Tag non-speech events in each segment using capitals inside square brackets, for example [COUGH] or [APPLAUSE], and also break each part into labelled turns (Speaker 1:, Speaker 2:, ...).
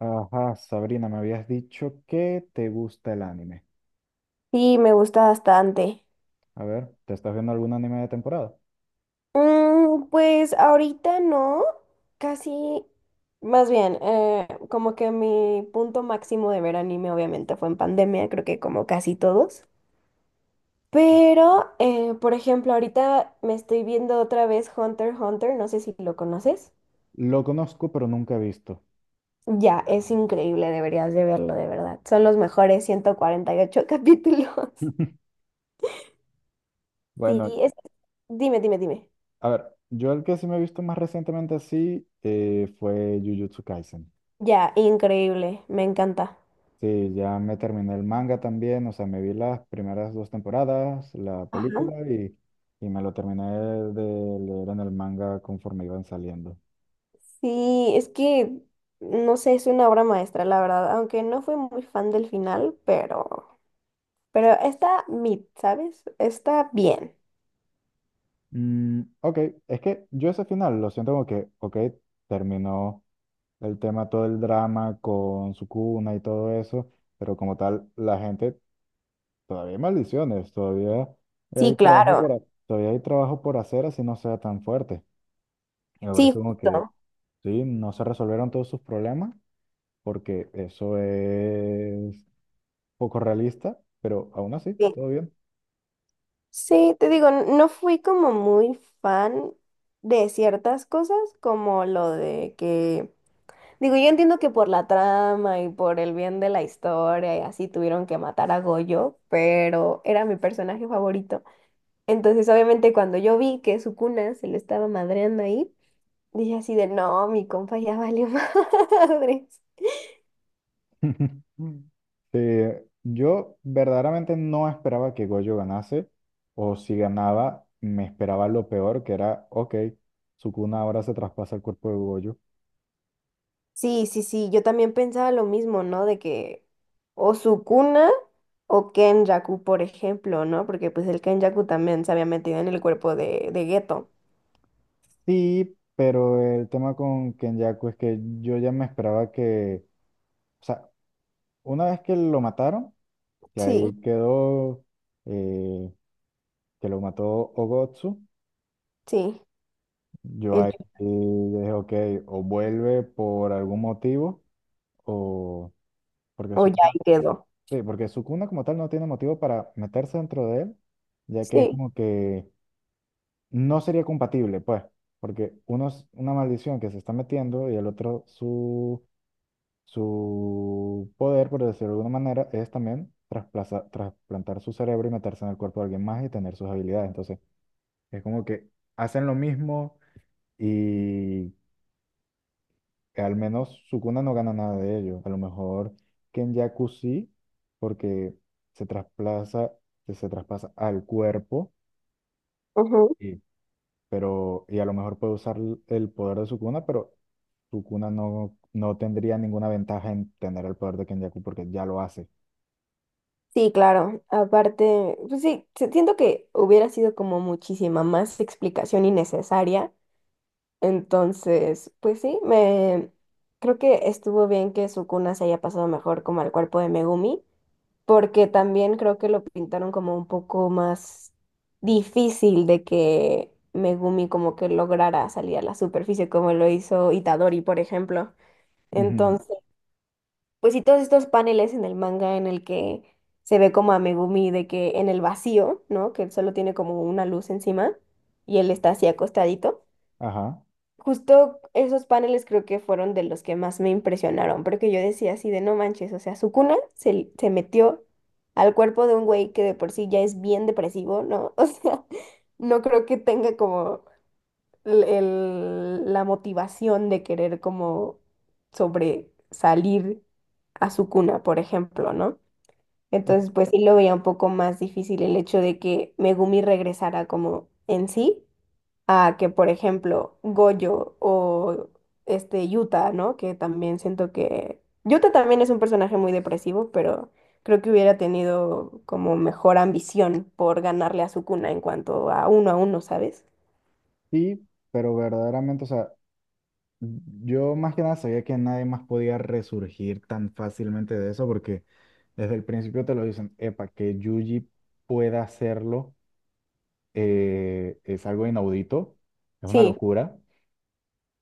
Speaker 1: Ajá, Sabrina, me habías dicho que te gusta el anime.
Speaker 2: Sí, me gusta bastante.
Speaker 1: A ver, ¿te estás viendo algún anime de temporada?
Speaker 2: Mm, pues ahorita no, casi, más bien, como que mi punto máximo de ver anime obviamente fue en pandemia, creo que como casi todos. Pero, por ejemplo, ahorita me estoy viendo otra vez Hunter x Hunter, no sé si lo conoces.
Speaker 1: Lo conozco, pero nunca he visto.
Speaker 2: Ya, es increíble, deberías de verlo, de verdad. Son los mejores 148 capítulos. [LAUGHS]
Speaker 1: [LAUGHS]
Speaker 2: Sí,
Speaker 1: Bueno,
Speaker 2: es... Dime, dime, dime.
Speaker 1: a ver, yo el que sí me he visto más recientemente así fue Jujutsu Kaisen.
Speaker 2: Ya, increíble, me encanta.
Speaker 1: Sí, ya me terminé el manga también, o sea, me vi las primeras dos temporadas, la
Speaker 2: Ajá.
Speaker 1: película y me lo terminé de leer en el manga conforme iban saliendo.
Speaker 2: Sí, es que, no sé, es una obra maestra, la verdad, aunque no fui muy fan del final, pero está mid, ¿sabes? Está bien.
Speaker 1: Mm, ok, es que yo ese final lo siento como que, ok, terminó el tema, todo el drama con su cuna y todo eso, pero como tal, la gente, todavía hay maldiciones, todavía
Speaker 2: Sí,
Speaker 1: hay trabajo
Speaker 2: claro.
Speaker 1: todavía hay trabajo por hacer así no sea tan fuerte. Y me parece
Speaker 2: Sí,
Speaker 1: como que
Speaker 2: justo.
Speaker 1: sí, no se resolvieron todos sus problemas, porque eso es poco realista, pero aún así,
Speaker 2: Sí.
Speaker 1: todo bien.
Speaker 2: Sí, te digo, no fui como muy fan de ciertas cosas, como lo de que, digo, yo entiendo que por la trama y por el bien de la historia y así tuvieron que matar a Goyo, pero era mi personaje favorito. Entonces, obviamente, cuando yo vi que su cuna se lo estaba madreando ahí, dije así de, no, mi compa ya valió [LAUGHS] madres.
Speaker 1: [LAUGHS] Sí, yo verdaderamente no esperaba que Goyo ganase, o si ganaba, me esperaba lo peor, que era, ok, Sukuna ahora se traspasa el cuerpo de Goyo.
Speaker 2: Sí, sí, sí, yo también pensaba lo mismo, ¿no? De que o Sukuna o Kenjaku, por ejemplo, ¿no? Porque pues el Kenjaku también se había metido en el cuerpo de Geto.
Speaker 1: Sí, pero el tema con Kenyaku es que yo ya me esperaba que, o sea, una vez que lo mataron, que
Speaker 2: Sí,
Speaker 1: ahí quedó, eh, que lo mató Ogotsu,
Speaker 2: sí,
Speaker 1: yo
Speaker 2: El,
Speaker 1: ahí
Speaker 2: Yu-
Speaker 1: eh, dije, ok, o vuelve por algún motivo, o porque
Speaker 2: o Yai
Speaker 1: Sukuna.
Speaker 2: quedó
Speaker 1: Sí, porque Sukuna como tal no tiene motivo para meterse dentro de él, ya que es
Speaker 2: sí.
Speaker 1: como que no sería compatible, pues, porque uno es una maldición que se está metiendo y el otro su poder, por decirlo de alguna manera, es también trasplantar su cerebro y meterse en el cuerpo de alguien más y tener sus habilidades. Entonces, es como que hacen lo mismo y que al menos Sukuna no gana nada de ello. A lo mejor Kenjaku sí, porque se trasplaza, se traspasa al cuerpo,
Speaker 2: Ujú.
Speaker 1: y, pero, y a lo mejor puede usar el poder de Sukuna, pero Sukuna no, no tendría ninguna ventaja en tener el poder de Kenjaku porque ya lo hace.
Speaker 2: Sí, claro. Aparte, pues sí, siento que hubiera sido como muchísima más explicación innecesaria. Entonces, pues sí, me creo que estuvo bien que Sukuna se haya pasado mejor como al cuerpo de Megumi, porque también creo que lo pintaron como un poco más difícil de que Megumi como que lograra salir a la superficie como lo hizo Itadori, por ejemplo.
Speaker 1: Ujú.
Speaker 2: Entonces, pues sí, todos estos paneles en el manga en el que se ve como a Megumi de que en el vacío, ¿no? Que solo tiene como una luz encima y él está así acostadito.
Speaker 1: Ajá.
Speaker 2: Justo esos paneles creo que fueron de los que más me impresionaron, porque yo decía así de no manches, o sea, su cuna se metió al cuerpo de un güey que de por sí ya es bien depresivo, ¿no? [LAUGHS] O sea, no creo que tenga como la motivación de querer como sobresalir a su cuna, por ejemplo, ¿no?
Speaker 1: Es-
Speaker 2: Entonces, pues sí lo veía un poco más difícil el hecho de que Megumi regresara como en sí a que, por ejemplo, Goyo o este Yuta, ¿no? Que también siento que Yuta también es un personaje muy depresivo, pero creo que hubiera tenido como mejor ambición por ganarle a Sukuna en cuanto a uno, ¿sabes?
Speaker 1: Sí, pero verdaderamente, o sea, yo más que nada sabía que nadie más podía resurgir tan fácilmente de eso porque desde el principio te lo dicen, epa, que Yuji pueda hacerlo es algo inaudito, es una
Speaker 2: Sí,
Speaker 1: locura.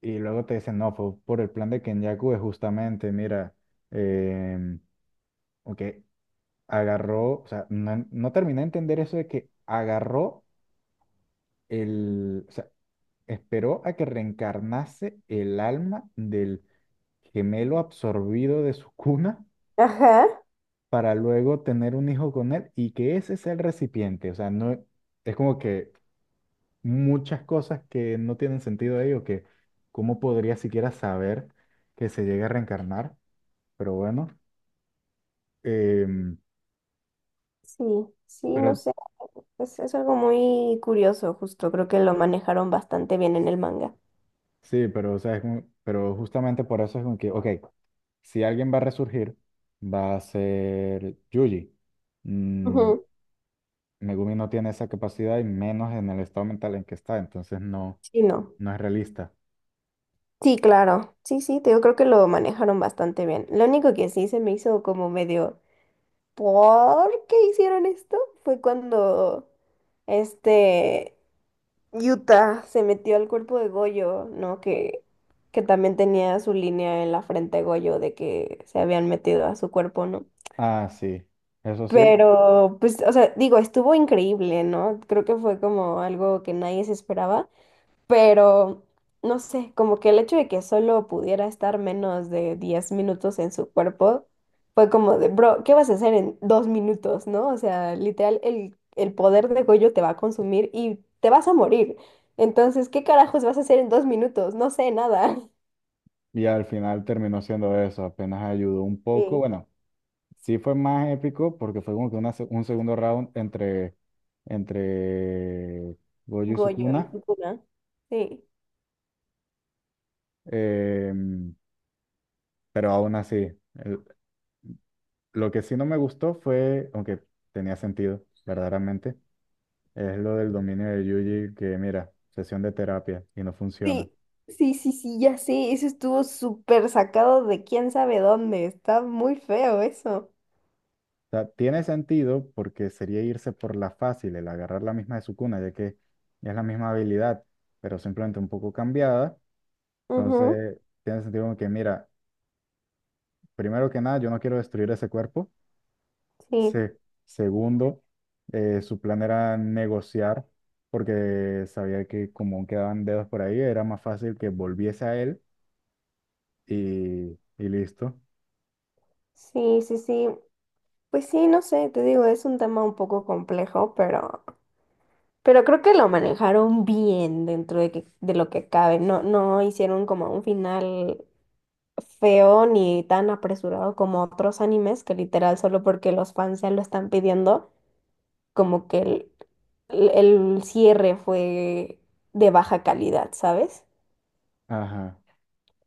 Speaker 1: Y luego te dicen, no, fue por el plan de Kenyaku, es justamente, mira, em, ok, agarró, o sea, no, no terminé de entender eso de que agarró el, o sea, esperó a que reencarnase el alma del gemelo absorbido de su cuna
Speaker 2: ajá,
Speaker 1: para luego tener un hijo con él y que ese sea el recipiente. O sea, no es como que muchas cosas que no tienen sentido ahí o que cómo podría siquiera saber que se llega a reencarnar. Pero bueno, em,
Speaker 2: sí, sí, no
Speaker 1: pero
Speaker 2: sé, es algo muy curioso, justo, creo que lo manejaron bastante bien en el manga.
Speaker 1: sí, pero o sea, pero justamente por eso es como que, ok, si alguien va a resurgir, va a ser Yuji. Mm,
Speaker 2: Ujú.
Speaker 1: Megumi no tiene esa capacidad y menos en el estado mental en que está, entonces no.
Speaker 2: Sí, no.
Speaker 1: No es realista.
Speaker 2: Sí, claro. Sí, sí, te digo, creo que lo manejaron bastante bien. Lo único que sí se me hizo como medio. ¿Por qué hicieron esto? Fue cuando este Utah se metió al cuerpo de Goyo, ¿no? Que también tenía su línea en la frente de Goyo de que se habían metido a su cuerpo, ¿no?
Speaker 1: Ah, sí, eso sí.
Speaker 2: Pero, pues, o sea, digo, estuvo increíble, ¿no? Creo que fue como algo que nadie se esperaba. Pero, no sé, como que el hecho de que solo pudiera estar menos de 10 minutos en su cuerpo fue como de, bro, ¿qué vas a hacer en 2 minutos, no? O sea, literal, el poder de Goyo te va a consumir y te vas a morir. Entonces, ¿qué carajos vas a hacer en 2 minutos? No sé nada. [LAUGHS]
Speaker 1: Y al final terminó siendo eso, apenas ayudó un poco.
Speaker 2: Sí,
Speaker 1: Bueno, sí fue más épico porque fue como que un segundo round entre Gojo y
Speaker 2: Goyo y
Speaker 1: Sukuna.
Speaker 2: Sukuna. Sí.
Speaker 1: em, pero aún así, el- lo que sí no me gustó fue, aunque tenía sentido, verdaderamente, es lo del dominio de Yuji que, mira, sesión de terapia y no funciona.
Speaker 2: Sí, sí, sí, sí, ya sé, eso estuvo súper sacado de quién sabe dónde. Está muy feo eso.
Speaker 1: O sea, tiene sentido porque sería irse por la fácil, el agarrar la misma de su cuna, ya que es la misma habilidad, pero simplemente un poco cambiada.
Speaker 2: Ujú,
Speaker 1: Entonces, tiene sentido como que, mira, primero que nada, yo no quiero destruir ese cuerpo.
Speaker 2: sí,
Speaker 1: Se- Segundo, su plan era negociar, porque sabía que como quedaban dedos por ahí, era más fácil que volviese a él y listo.
Speaker 2: sí, sí, sí. Pues sí, no sé, te digo, es un tema un poco complejo, pero creo que lo manejaron bien dentro de, de lo que cabe. No, no hicieron como un final feo ni tan apresurado como otros animes, que literal solo porque los fans ya lo están pidiendo, como que el el cierre fue de baja calidad, ¿sabes?
Speaker 1: Ajá.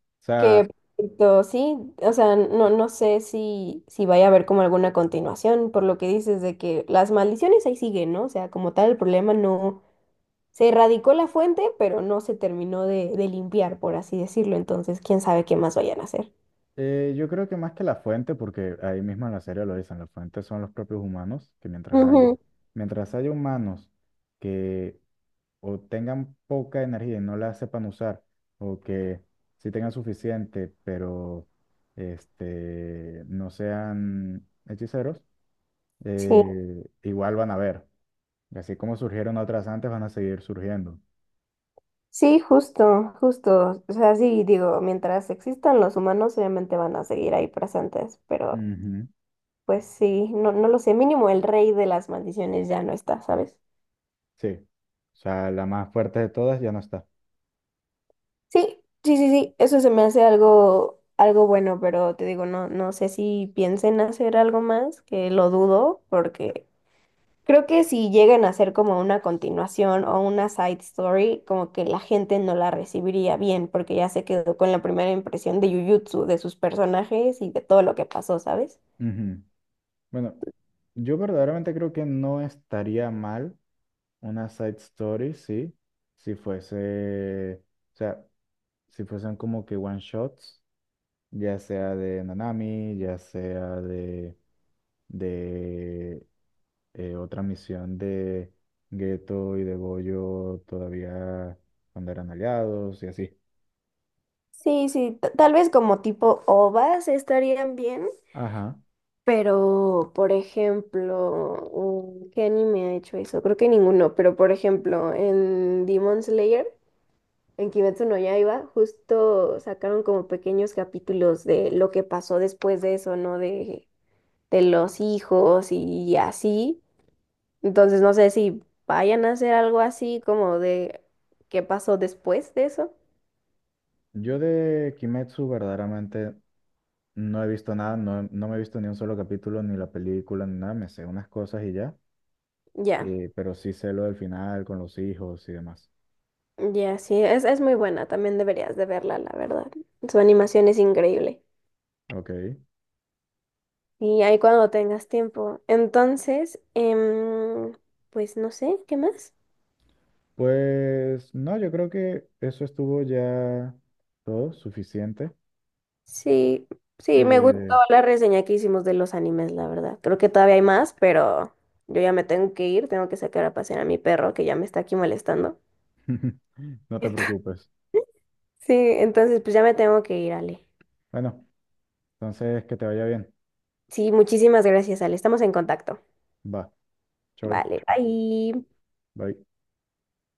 Speaker 1: O sea,
Speaker 2: Que perfecto, sí, o sea, no, no sé si, si vaya a haber como alguna continuación, por lo que dices de que las maldiciones ahí siguen, ¿no? O sea, como tal, el problema no se erradicó la fuente, pero no se terminó de limpiar, por así decirlo. Entonces, quién sabe qué más vayan a hacer.
Speaker 1: eh, yo creo que más que la fuente, porque ahí mismo en la serie lo dicen, la fuente son los propios humanos, que
Speaker 2: Ujú,
Speaker 1: mientras haya humanos que o tengan poca energía y no la sepan usar, o que sí tengan suficiente, pero este, no sean hechiceros,
Speaker 2: sí,
Speaker 1: igual van a ver. Y así como surgieron otras antes, van a seguir surgiendo.
Speaker 2: sí, justo, justo. O sea, sí, digo, mientras existan los humanos, obviamente van a seguir ahí presentes, pero
Speaker 1: Ujú.
Speaker 2: pues sí, no, no lo sé, mínimo el rey de las maldiciones ya no está, ¿sabes?
Speaker 1: Sí. O sea, la más fuerte de todas ya no está.
Speaker 2: Sí, sí, sí, sí, eso se me hace algo, algo bueno, pero te digo, no, no sé si piensen hacer algo más, que lo dudo, porque creo que si llegan a hacer como una continuación o una side story, como que la gente no la recibiría bien, porque ya se quedó con la primera impresión de Jujutsu, de sus personajes y de todo lo que pasó, ¿sabes?
Speaker 1: Ujú. Bueno, yo verdaderamente creo que no estaría mal una side story, sí, si fuese, o sea, si fuesen como que one shots, ya sea de Nanami, ya sea de otra misión de Geto y de Goyo todavía cuando eran aliados y así.
Speaker 2: Sí, sí, tal vez como tipo OVAs estarían bien.
Speaker 1: Ajá.
Speaker 2: Pero, por ejemplo, mm, ¿qué anime ha hecho eso? Creo que ninguno, pero por ejemplo, en Demon Slayer, en Kimetsu no Yaiba, justo sacaron como pequeños capítulos de lo que pasó después de eso, ¿no? De los hijos y así. Entonces, no sé si vayan a hacer algo así como de qué pasó después de eso.
Speaker 1: Yo de Kimetsu verdaderamente no he visto nada, no, no me he visto ni un solo capítulo, ni la película, ni nada, me sé unas cosas y ya.
Speaker 2: Ya,
Speaker 1: Pero sí sé lo del final con los hijos y demás.
Speaker 2: ya, sí, es muy buena, también deberías de verla, la verdad. Su animación es increíble.
Speaker 1: Ok.
Speaker 2: Y ahí cuando tengas tiempo. Entonces, pues no sé, ¿qué más?
Speaker 1: Pues no, yo creo que eso estuvo ya todo suficiente.
Speaker 2: Sí, sí, me gustó
Speaker 1: Eh,
Speaker 2: la reseña que hicimos de los animes, la verdad. Creo que todavía hay más, pero yo ya me tengo que ir, tengo que sacar a pasear a mi perro que ya me está aquí molestando.
Speaker 1: [LAUGHS] no te preocupes.
Speaker 2: Sí, entonces pues ya me tengo que ir, Ale.
Speaker 1: Bueno, entonces que te vaya bien.
Speaker 2: Sí, muchísimas gracias, Ale. Estamos en contacto.
Speaker 1: Va. Chau.
Speaker 2: Vale, bye.
Speaker 1: Bye.